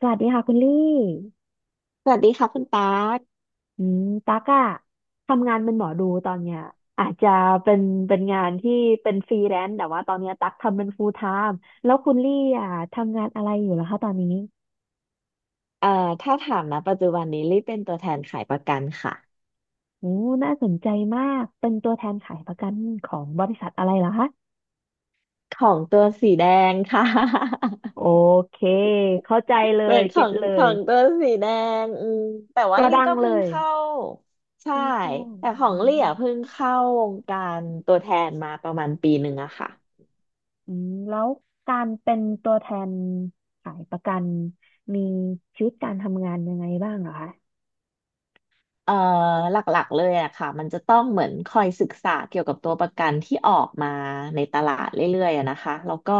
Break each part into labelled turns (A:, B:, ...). A: สวัสดีค่ะคุณลี่
B: สวัสดีค่ะคุณตาร์ค
A: อืมตั๊กอะทำงานเป็นหมอดูตอนเนี้ยอาจจะเป็นงานที่เป็นฟรีแลนซ์แต่ว่าตอนเนี้ยตั๊กทำเป็น full time แล้วคุณลี่อะทำงานอะไรอยู่ล่ะคะตอนนี้
B: เอ่อถ้าถามนะปัจจุบันนี้รีบเป็นตัวแทนขายประกันค่ะ
A: โอ้น่าสนใจมาก เป็นตัวแทนขายประกันของบริษัทอะไรเหรอคะ
B: ของตัวสีแดงค่ะ
A: โอเค เข้าใจเล
B: เป็
A: ย
B: นข
A: เก็
B: อ
A: ต
B: ง
A: เลย
B: ตัวสีแดงอืมแต่ว่า
A: ตัว
B: ลี่
A: ดัง
B: ก็
A: เล
B: เพิ่ง
A: ย
B: เข้าใช่
A: ค่อนข้าง
B: แต่ของ
A: อื
B: ลี่
A: ม
B: อ่ะเพิ่งเข้าวงการตัวแทนมาประมาณปีหนึ่งอะค่ะ
A: อืมแล้วการเป็นตัวแทนขายประกัน มีชีวิตการทำงานยังไงบ้างเหรอคะ
B: เอ่อหลักๆเลยอะค่ะมันจะต้องเหมือนคอยศึกษาเกี่ยวกับตัวประกันที่ออกมาในตลาดเรื่อยๆอะนะคะแล้วก็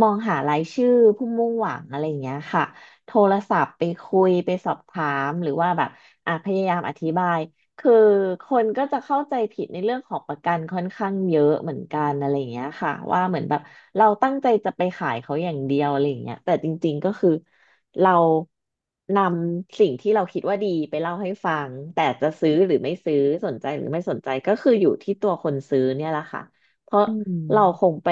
B: มองหารายชื่อผู้มุ่งหวังอะไรอย่างเงี้ยค่ะโทรศัพท์ไปคุยไปสอบถามหรือว่าแบบอ่ะพยายามอธิบายคือคนก็จะเข้าใจผิดในเรื่องของประกันค่อนข้างเยอะเหมือนกันอะไรอย่างเงี้ยค่ะว่าเหมือนแบบเราตั้งใจจะไปขายเขาอย่างเดียวอะไรอย่างเงี้ยแต่จริงๆก็คือ เรานำสิ่งที่เราคิดว่าดีไปเล่าให้ฟังแต่จะซื้อหรือไม่ซื้อสนใจหรือไม่สนใจก็คืออยู่ที่ตัวคนซื้อเนี่ยแหละค่ะเพราะ
A: อื
B: เราค
A: ม
B: งไป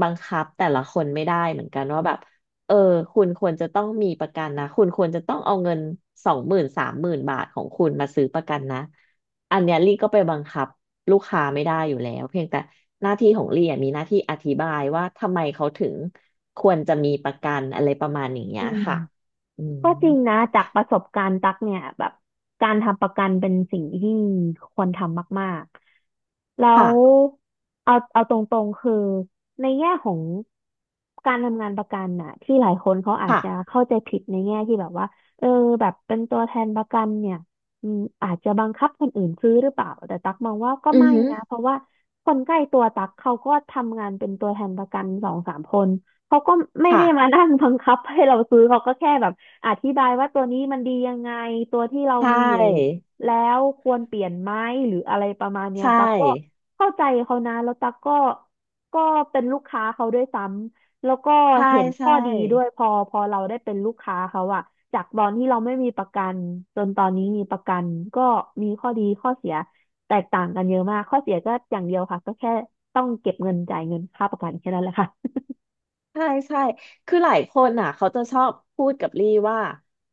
B: บังคับแต่ละคนไม่ได้เหมือนกันว่าแบบเออคุณควรจะต้องมีประกันนะคุณควรจะต้องเอาเงิน20,000-30,000 บาทของคุณมาซื้อประกันนะอันเนี้ยลี่ก็ไปบังคับ ลูกค้าไม่ได้อยู่แล้วเพียงแต่หน้าที่ของลี่อะมีหน้าที่อธิบายว่าทำไมเขาถึงควรจะมีประกันอะไรประมาณอย่างเงี้
A: อื
B: ย
A: ม
B: ค่ะอืม
A: ก็จริงนะจากประสบการณ์ตักเนี่ยแบบการทำประกันเป็นสิ่งที่ควรทำมากๆแล้
B: ค่ะ
A: วเอาเอาตรงๆคือในแง่ของการทำงานประกันน่ะที่หลายคนเขาอาจ
B: ค่ะ
A: จะเข้าใจผิดในแง่ที่แบบว่าเออแบบเป็นตัวแทนประกันเนี่ยอืมอาจจะบังคับคนอื่นซื้อหรือเปล่าแต่ตักมองว่าก็
B: อือ
A: ไม่
B: ฮึ
A: นะเพราะว่าคนใกล้ตัวตักเขาก็ทำงานเป็นตัวแทนประกันสองสามคนเขาก็ไม่ได้มา
B: ค่ะ
A: นั่งบังคับให้เราซื้อเขาก็แค่แบบ อธิบายว่าตัวนี้มันดียังไงตัวที่เรา
B: ใช
A: มีอยู่
B: ่
A: แล้วควรเปลี่ยนไหมหรืออะไรประมาณเนี้
B: ใช
A: ยตั๊กก็
B: ่
A: เข้าใจเขานะแล้วตั๊กก็เป็นลูกค้าเขาด้วยซ้ำแล้วก็
B: ใช่
A: เห็น
B: ใช่
A: ข้อดีด้วยพอเราได้เป็นลูกค้าเขาอะจากตอนที่เราไม่มีประกันจนตอนนี้มีประกันก็มีข้อดีข้อเสียแตกต่างกันเยอะมากข้อเสียก็อย่างเดียวค่ะก็แค่ต้องเก็บเงินจ่ายเงินค่าประกันแค่นั้นแหละค่ะ
B: ใช่ใช่ คือหลายคนอ่ะเขาจะชอบพูดกับลี่ว่า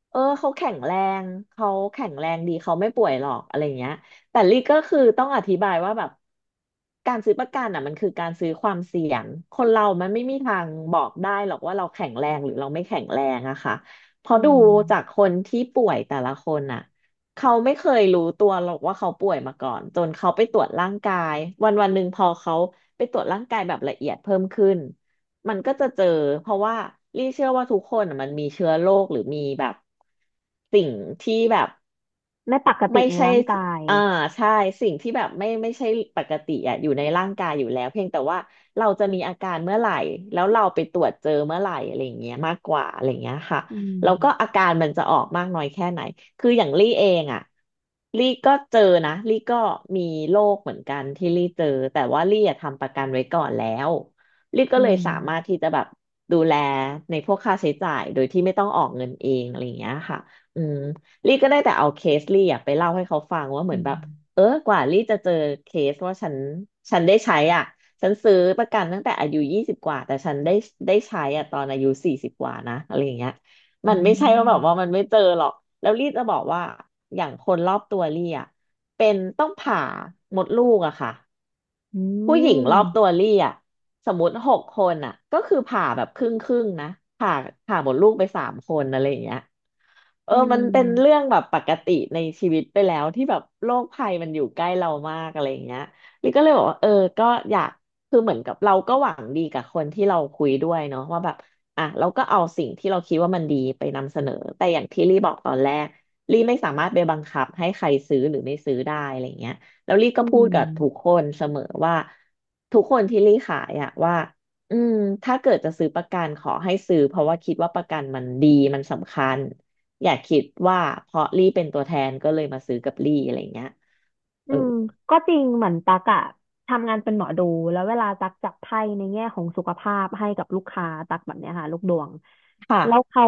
B: เอองเขาแข็งแรงดีเขาไม่ป่วยหรอกอะไรเงี้ย แต่ลี่ก็คือต้องอธิบายว่าแบบการซื้อประกันอ่ะมันคือการซื้อความเสี่ยง คนเรามันไม่มีทางบอกได้หรอกว่าเราแข็งแรงหรือเราไม่แข็งแรงอะค่ะเพ
A: อื
B: ราะดู
A: ม
B: จากคนที่ป่วยแต่ละคนอ่ะเขาไม่เคยรู้ตัวหรอกว่าเขาป่วยมาก่อนจนเขาไปตรวจร่างกายวันวันหนึ่งพอเขาไปตรวจร่างกายแบบละเอียดเพิ่มขึ้น มันก็จะเจอเพราะว่าลี่เชื่อว่าทุกคนน่ะมันมีเชื้อโรคหรือมีแบบสิ่งที่แบบ
A: ไม่ปก
B: ไม่
A: ติใน
B: ใช่
A: ร่างกาย
B: อ่าใช่สิ่งที่แบบไม่ใช่ปกติอ่ะอยู่ในร่างกายอยู่แล้วเพียงแต่ว่าเราจะมีอาการเมื่อไหร่แล้วเราไปตรวจเจอเมื่อไหร่อะไรอย่างเงี้ยมากกว่าอะไรอย่างเงี้ยค่ะ
A: อื
B: แล้วก็
A: ม
B: อาการมันจะออกมากน้อยแค่ไหนคืออย่างลี่เองอ่ะลี่ก็เจอนะลี่ก็มีโรคเหมือนกันที่ลี่เจอแต่ว่าลี่อะทำประกันไว้ก่อนแล้วลี่ก็
A: อื
B: เลยสามารถ
A: ม
B: ที่จะแบบดูแลในพวกค่าใช้จ่ายโดยที่ไม่ต้องออกเงินเองอะไรอย่างเงี้ยค่ะอืม ลี่ก็ได้แต่เอาเคสลี่อะไปเล่าให้เขาฟังว่าเหมื
A: อื
B: อนแบ
A: ม
B: บเออกว่าลี่จะเจอเคสว่าฉันได้ใช้อ่ะฉันซื้อประกันตั้งแต่อายุ20กว่าแต่ฉันได้ใช้อ่ะตอนอายุ40กว่านะอะไรอย่างเงี้ย
A: อื
B: มันไม่ใช่ว่าแบบว่า
A: ม
B: มันไม่เจอหรอกแล้วลี่จะบอกว่าอย่างคนรอบตัวลี่อ่ะเป็นต้องผ่ามดลูกอะค่ะ
A: อื
B: ผู้หญิงรอบตัว
A: ม
B: ลี่อ่ะสมมติหกคนอ่ะก็คือผ่าแบบครึ่งครึ่งนะผ่าผ่ามดลูกไปสามคนอะไรอย่างเงี้ย เอ
A: อื
B: อมันเป็นเรื่อ
A: ม
B: งแบบปกติในชีวิตไปแล้วที่แบบโรคภัยมันอยู่ใกล้เรามากอะไรอย่างเงี้ยลิก็เลยบอกว่าเออก็อยากคือเหมือนกับเราก็หวังดีกับคนที่เราคุยด้วยเนาะว่าแบบอ่ะเราก็เอาสิ่งที่เราคิดว่ามันดีไปนำเสนอแต่อย่างที่ลี่บอกตอนแรกลี่ไม่สามารถไปบังคับให้ใครซื้อหรือไม่ซื้อได้อะไรอย่างเงี้ยแล้วลี่
A: อื
B: ก็พูดกับทุก
A: ม
B: คนเสมอว่าทุกคนที่ลี่ขายอะว่าอืมถ้าเกิดจะซื้อประกันขอให้ซื้อเพราะว่าคิดว่าประกันมันดีมันสำคัญ อย่าคิดว่าเพราะลี่เป็นตัวแทนก็เลยมาซื้อกับลี่อะไรเงี้ยเอ
A: อื
B: อ
A: มก็จริงเหมือนตักอะทำงานเป็นหมอดูแล้วเวลาตักจับไพ่ในแง่ของสุขภาพให้กับลูกค้าตักแบบเนี้ยค่ะลูกดวง
B: ค่ะ
A: แล้วเขา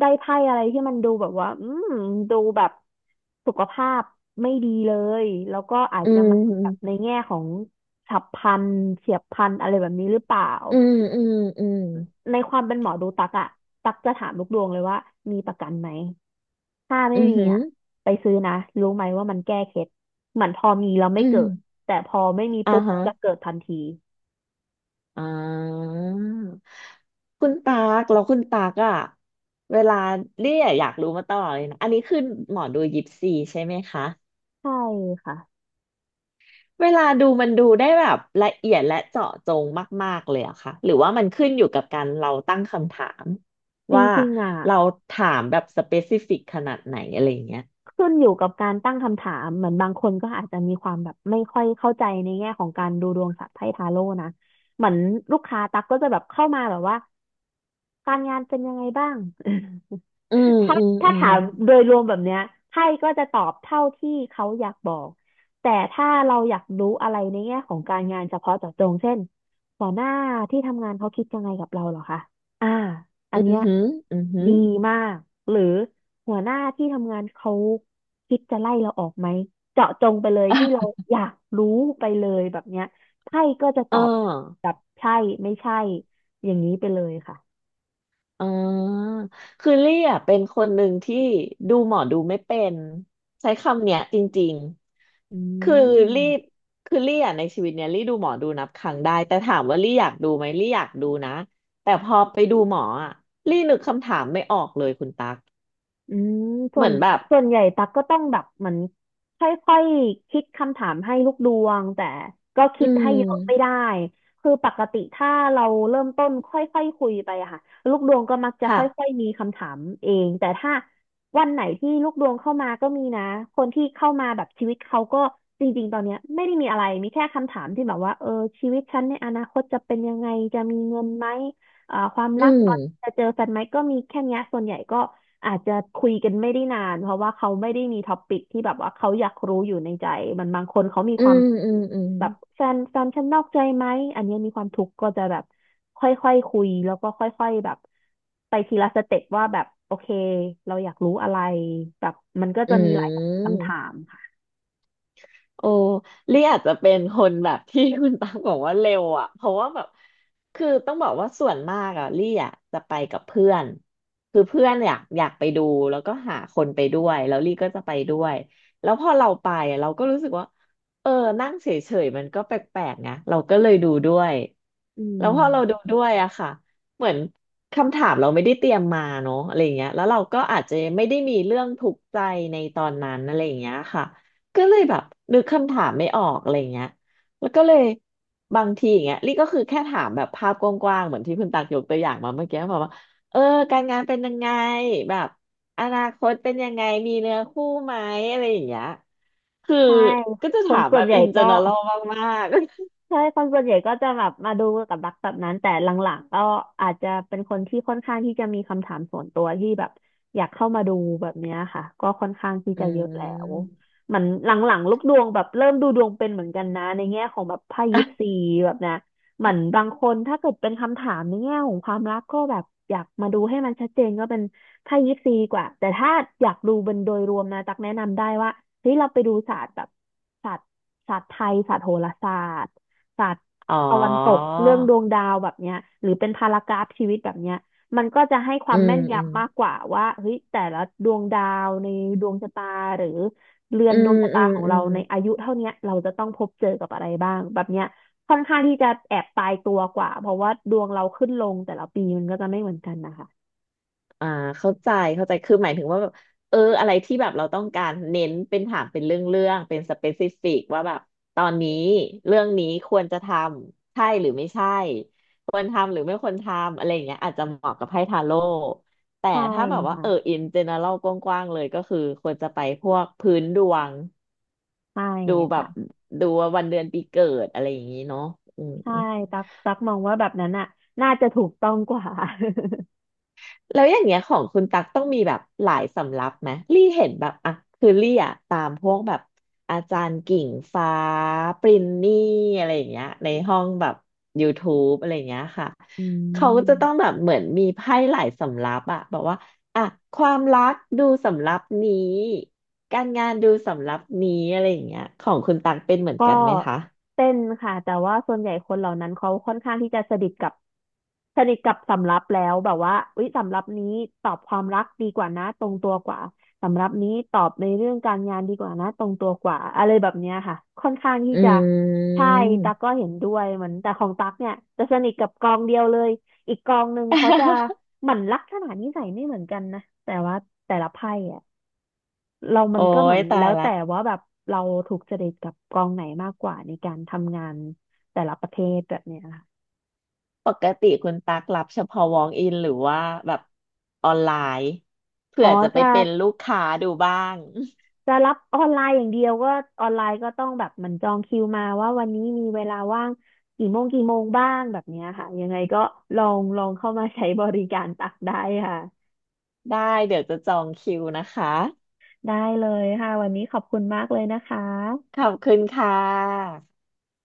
A: ได้ไพ่อะไรที่มันดูแบบว่าอืมดูแบบสุขภาพไม่ดีเลยแล้วก็อาจ
B: อื
A: จะมาแบบใน
B: ม
A: แง่ของฉับพลันเฉียบพลันอะไรแบบนี้หรือเปล่า
B: อืมอืมอืม
A: ในความเป็นหมอดูตักอะตักจะถามลูกดวงเลยว่ามีประกันไหมถ้า
B: อื
A: ไม่
B: มอ
A: มี
B: หือ
A: อะไปซื้อนะรู้ไหมว่ามันแก้เคล็ดเหมือนพอมีแล้ว
B: อื
A: ไม่เกิด
B: ม
A: แต่พอไม่มี
B: อ่า
A: ปุ๊บ
B: ฮะ
A: จะเกิดทันที
B: อ่าคุณตากแล้วคุณตากอะเวลาเรียอยากรู้มาตลอดเลยนะ อันนี้คือหมอดูยิปซีใช่ไหมคะ
A: ใช่ค่ะ
B: เวลาดูมันดูได้แบบละเอียดและเจาะจงมากๆเลยอะค่ะหรือว่ามันขึ้นอยู่กับการเราตั้งคำถาม
A: จ
B: ว่า
A: ริงๆอ่ะ
B: เราถามแบบสเปซิฟิกขนาดไหนอะไรอย่างเงี้ย
A: ขึ้นอยู่กับการตั้งคำถามเหมือนบางคนก็อาจจะมีความแบบไม่ค่อยเข้าใจในแง่ของการดูดวงศาสัตว์ไพ่ทาโร่นะเหมือนลูกค้าตักก็จะแบบเข้ามาแบบว่าการงานเป็นยังไงบ้าง
B: อืม
A: ถ้า
B: อืม
A: ถ้า
B: อืม
A: ถามโดยรวมแบบเนี้ยไพ่ก็จะตอบเท่าที่เขาอยากบอกแต่ถ้าเราอยากรู้อะไรในแง่ของการงานเฉพาะเจาะจงเช่นหัวหน้าที่ทำงานเขาคิดยังไงกับเราเหรอคะอ่าอั
B: อื
A: น
B: มอ
A: เนี้ย
B: หืมออือหือ
A: ดีมากหรือหัวหน้าที่ทำงานเขาคิดจะไล่เราออกไหมเจาะจงไปเลย ที่เรา
B: อ่
A: อยากรู้ไปเลยแบบเนี้ยไพ่ก็จะต
B: อ่
A: อบแบ
B: า
A: บใช่ไม่ใช่อย่างนี้ไปเลยค่ะ
B: อ๋อคือเลี่ยเป็นคนหนึ่งที่ดูหมอดูไม่เป็นใช้คำเนี้ยจริง
A: อื
B: ๆ
A: ม
B: ลี่คือลี่อ่ะในชีวิตเนี้ยลี่ดูหมอดูนับครั้งได้แต่ถามว่าลี่อยากดูไหมลี่อยากดูนะแต่พอไปดูหมออ่ะลี่นึกคำถามไม่ออกเลยคุณตั๊ก
A: อืมส่
B: เห
A: ว
B: มื
A: น
B: อนแบบ
A: ส่วนใหญ่ตักก็ต้องแบบเหมือนค่อยๆคิดคำถามให้ลูกดวงแต่ก็
B: อื
A: คิดให้
B: ม
A: เยอะไม่ได้คือปกติถ้าเราเริ่มต้นค่อยๆคุยไปอะค่ะลูกดวงก็มักจะค
B: ค่ะ
A: ่อยๆมีคำถามเองแต่ถ้าวันไหนที่ลูกดวงเข้ามาก็มีนะคนที่เข้ามาแบบชีวิตเขาก็จริงๆตอนเนี้ยไม่ได้มีอะไรมีแค่คำถามที่แบบว่าเออชีวิตฉันในอนาคตจะเป็นยังไงจะมีเงินไหมความ
B: อื
A: รักตอน
B: ม
A: จะเจอแฟนไหมก็มีแค่เนี้ยส่วนใหญ่ก็ อาจจะคุยกันไม่ได้นานเพราะว่าเขาไม่ได้มีท็อปิกที่แบบว่าเขาอยากรู้อยู่ในใจมันบางคนเขามี
B: อื
A: ความ
B: มอืมอืม
A: แบบแฟนฉันนอกใจไหมอันเนี้ยมีความทุกข์ก็จะแบบค่อยๆคุยแล้วก็ค่อยๆแบบไปทีละสเต็ปว่าแบบโอเคเราอยากรู้อะไรแบบมันก็
B: อื
A: จะมีหลายคำถา
B: ม
A: มค่ะ
B: โอ้ลี่อาจจะเป็นคนแบบที่คุณตังบอกว่าเร็วอ่ะ เพราะว่าแบบคือต้องบอกว่าส่วนมากอ่ะลี่อ่ะจะไปกับเพื่อนคือเพื่อนอยากไปดูแล้วก็หาคนไปด้วยแล้วลี่ก็จะไปด้วย แล้วพอเราไปอะเราก็รู้สึกว่า เออนั่งเฉยๆมันก็แปลกๆนะเราก็เลยดูด้วย
A: อื
B: แล้วพอเราดู
A: ม
B: ด้วยอะค่ะเหมือนคำถามเราไม่ได้เตรียมมาเนาะอะไรอย่างเงี้ยแล้วเราก็อาจจะไม่ได้มีเรื่องทุกข์ใจในตอนนั้นอะไรอย่างเงี้ยค่ะก็เลยแบบนึกคำถามไม่ออกอะไรอย่างเงี้ยแล้วก็เลยบางทีอย่างเงี้ยลี่ก็คือแค่ถามแบบภาพกว้างๆเหมือนที่คุณตักยกตัวอย่างมาเมื่อกี้บบกว่าเออการงานเป็นยังไงแบบอนาคตเป็นยังไงมีเนื้อคู่ไหมอะไรอย่างเงี้ยคือ
A: ใช่
B: ก็จะ
A: ค
B: ถา
A: น
B: ม
A: ส่
B: แบ
A: วน
B: บ
A: ใหญ่
B: อินเจ
A: ก็
B: เนอรัลมากๆ
A: ใช่คนส่วนใหญ่ก็จะแบบมาดูกับรักแบบนั้นแต่หลังๆก็อาจจะเป็นคนที่ค่อนข้างที่จะมีคำถามส่วนตัวที่แบบอยากเข้ามาดูแบบเนี้ยค่ะก็ค่อนข้างที่
B: อ
A: จะเยอะแล้
B: ื
A: วเหมือนหลังๆลูกดวงแบบเริ่มดูดวงเป็นเหมือนกันนะในแง่ของแบบไพ่ยิป
B: ม
A: ซีแบบนะเหมือนบางคนถ้าเกิดเป็นคำถามในแง่ของความรักก็แบบอยากมาดูให้มันชัดเจนก็เป็นไพ่ยิปซีดีกว่าแต่ถ้าอยากดูเป็นโดยรวมนะตักแนะนำได้ว่าเฮ้ยเราไปดูศาสตร์แบบศาสตร์ศาสตร์ไทยศาสตร์โหราศาสตร์ ศาสตร์
B: อ๋อ
A: ตะวันตกเรื่องดวงดาวแบบเนี้ยหรือเป็นพารากราฟชีวิตแบบเนี้ยมันก็จะให้ควา
B: อื
A: ม
B: ม
A: แม่น
B: อืม
A: ยำมากกว่าว่าเฮ้ยแต่ละดวงดาวในดวงชะตาหรือเรือ
B: อื
A: นด
B: ม
A: วงชะ
B: อื
A: ตา
B: ม
A: ของ
B: อื
A: เรา
B: ม
A: ในอายุเท่าเนี้ยเราจะต้องพบเจอกับอะไรบ้างแบบเนี้ยค่อนข้างที่จะแอบตายตัวกว่าเพราะว่าดวงเราขึ้นลงแต่ละปีมันก็จะไม่เหมือนกันนะคะ
B: อ่าเข้าใจ เข้าใจคือหมายถึงว่าแบบ อะไรที่แบบเราต้องการเน้นเป็นถามเป็นเรื่องเป็นสเปซิฟิกว่าแบบตอนนี้เรื่องนี้ควรจะทำใช่หรือไม่ใช่ควรทำหรือไม่ควรทำอะไรอย่างเงี้ยอาจจะเหมาะกับไพ่ทาโร่แต่
A: ใช่
B: ถ้าแบบว่า
A: ค่ะ
B: อินเจเนอรัลกว้างๆเลยก็คือควรจะไปพวกพื้นดวง
A: ใช่
B: ดูแบบ
A: ค่ะ
B: ดูว่าวันเดือนปีเกิดอะไรอย่างงี้เนาะอืม
A: ใช่ตักมองว่าแบบนั้นอ่ะน่าจะถูกต้องกว่า
B: แล้วอย่างเงี้ยของคุณตักต้องมีแบบหลายสำรับไหมลี่เห็นแบบอ่ะคือลี่อ่ะตามพวกแบบอาจารย์กิ่งฟ้าปรินนี่อะไรอย่างเงี้ยในห้องแบบ YouTube อะไรอย่างเงี้ยค่ะ
A: อื
B: เขาก็
A: ม
B: จะต้องแบบเหมือนมีไพ่หลายสำรับอะบอกว่าอ่ะความรักดูสำรับนี้การงานดูสำรับนี้อะไรอย่างเงี้ยของคุณตักเป็นเหมือน
A: ก็
B: กันไหมคะ
A: เต้นค่ะแต่ว่าส่วนใหญ่คนเหล่านั้นเขาค่อนข้างที่จะสนิทกับสนิทกับสำรับแล้วแบบว่าอุ๊ยสำรับนี้ตอบความรักดีกว่านะตรงตัวกว่าสำรับนี้ตอบในเรื่องการงานดีกว่านะตรงตัวกว่าอะไรแบบเนี้ยค่ะค่อนข้างที่
B: อ
A: จะ
B: ื
A: ใช่ตั๊
B: ม
A: กก็เห็นด้วยเหมือนแต่ของตั๊กเนี่ยจะสนิทกับกองเดียวเลยอีกกองหนึ่งเขาจะ เหมือนลักษณะนิสัยไม่เหมือนกันนะแต่ว่าแต่ละไพ่อะ เรามั
B: โอ้
A: นก็เหมื
B: ย
A: อน
B: ตา
A: แล้
B: ย
A: ว
B: ละ
A: แต่ว่าแบบเราถูกจริตกับกองไหนมากกว่าในการทำงานแต่ละประเทศแบบเนี้ยค่ะ
B: ปกติคุณตักรับเฉพาะ walk in หรือว่าแบบออนไลน์เผื่
A: อ๋อ
B: อจะไป
A: จะ
B: เป็นลูกค้าดูบ้าง
A: จะรับออนไลน์อย่างเดียวก็ออนไลน์ก็ต้องแบบมันจองคิวมาว่าวันนี้มีเวลาว่างกี่โมงกี่โมงบ้างแบบเนี้ยค่ะยังไงก็ลองเข้ามาใช้บริการ ตักได้ค่ะ
B: ได้เดี๋ยวจะจองคิวนะคะ
A: ได้เลยค่ะวันนี้ขอบคุณมากเลยนะคะ
B: ขอบคุณค่ะ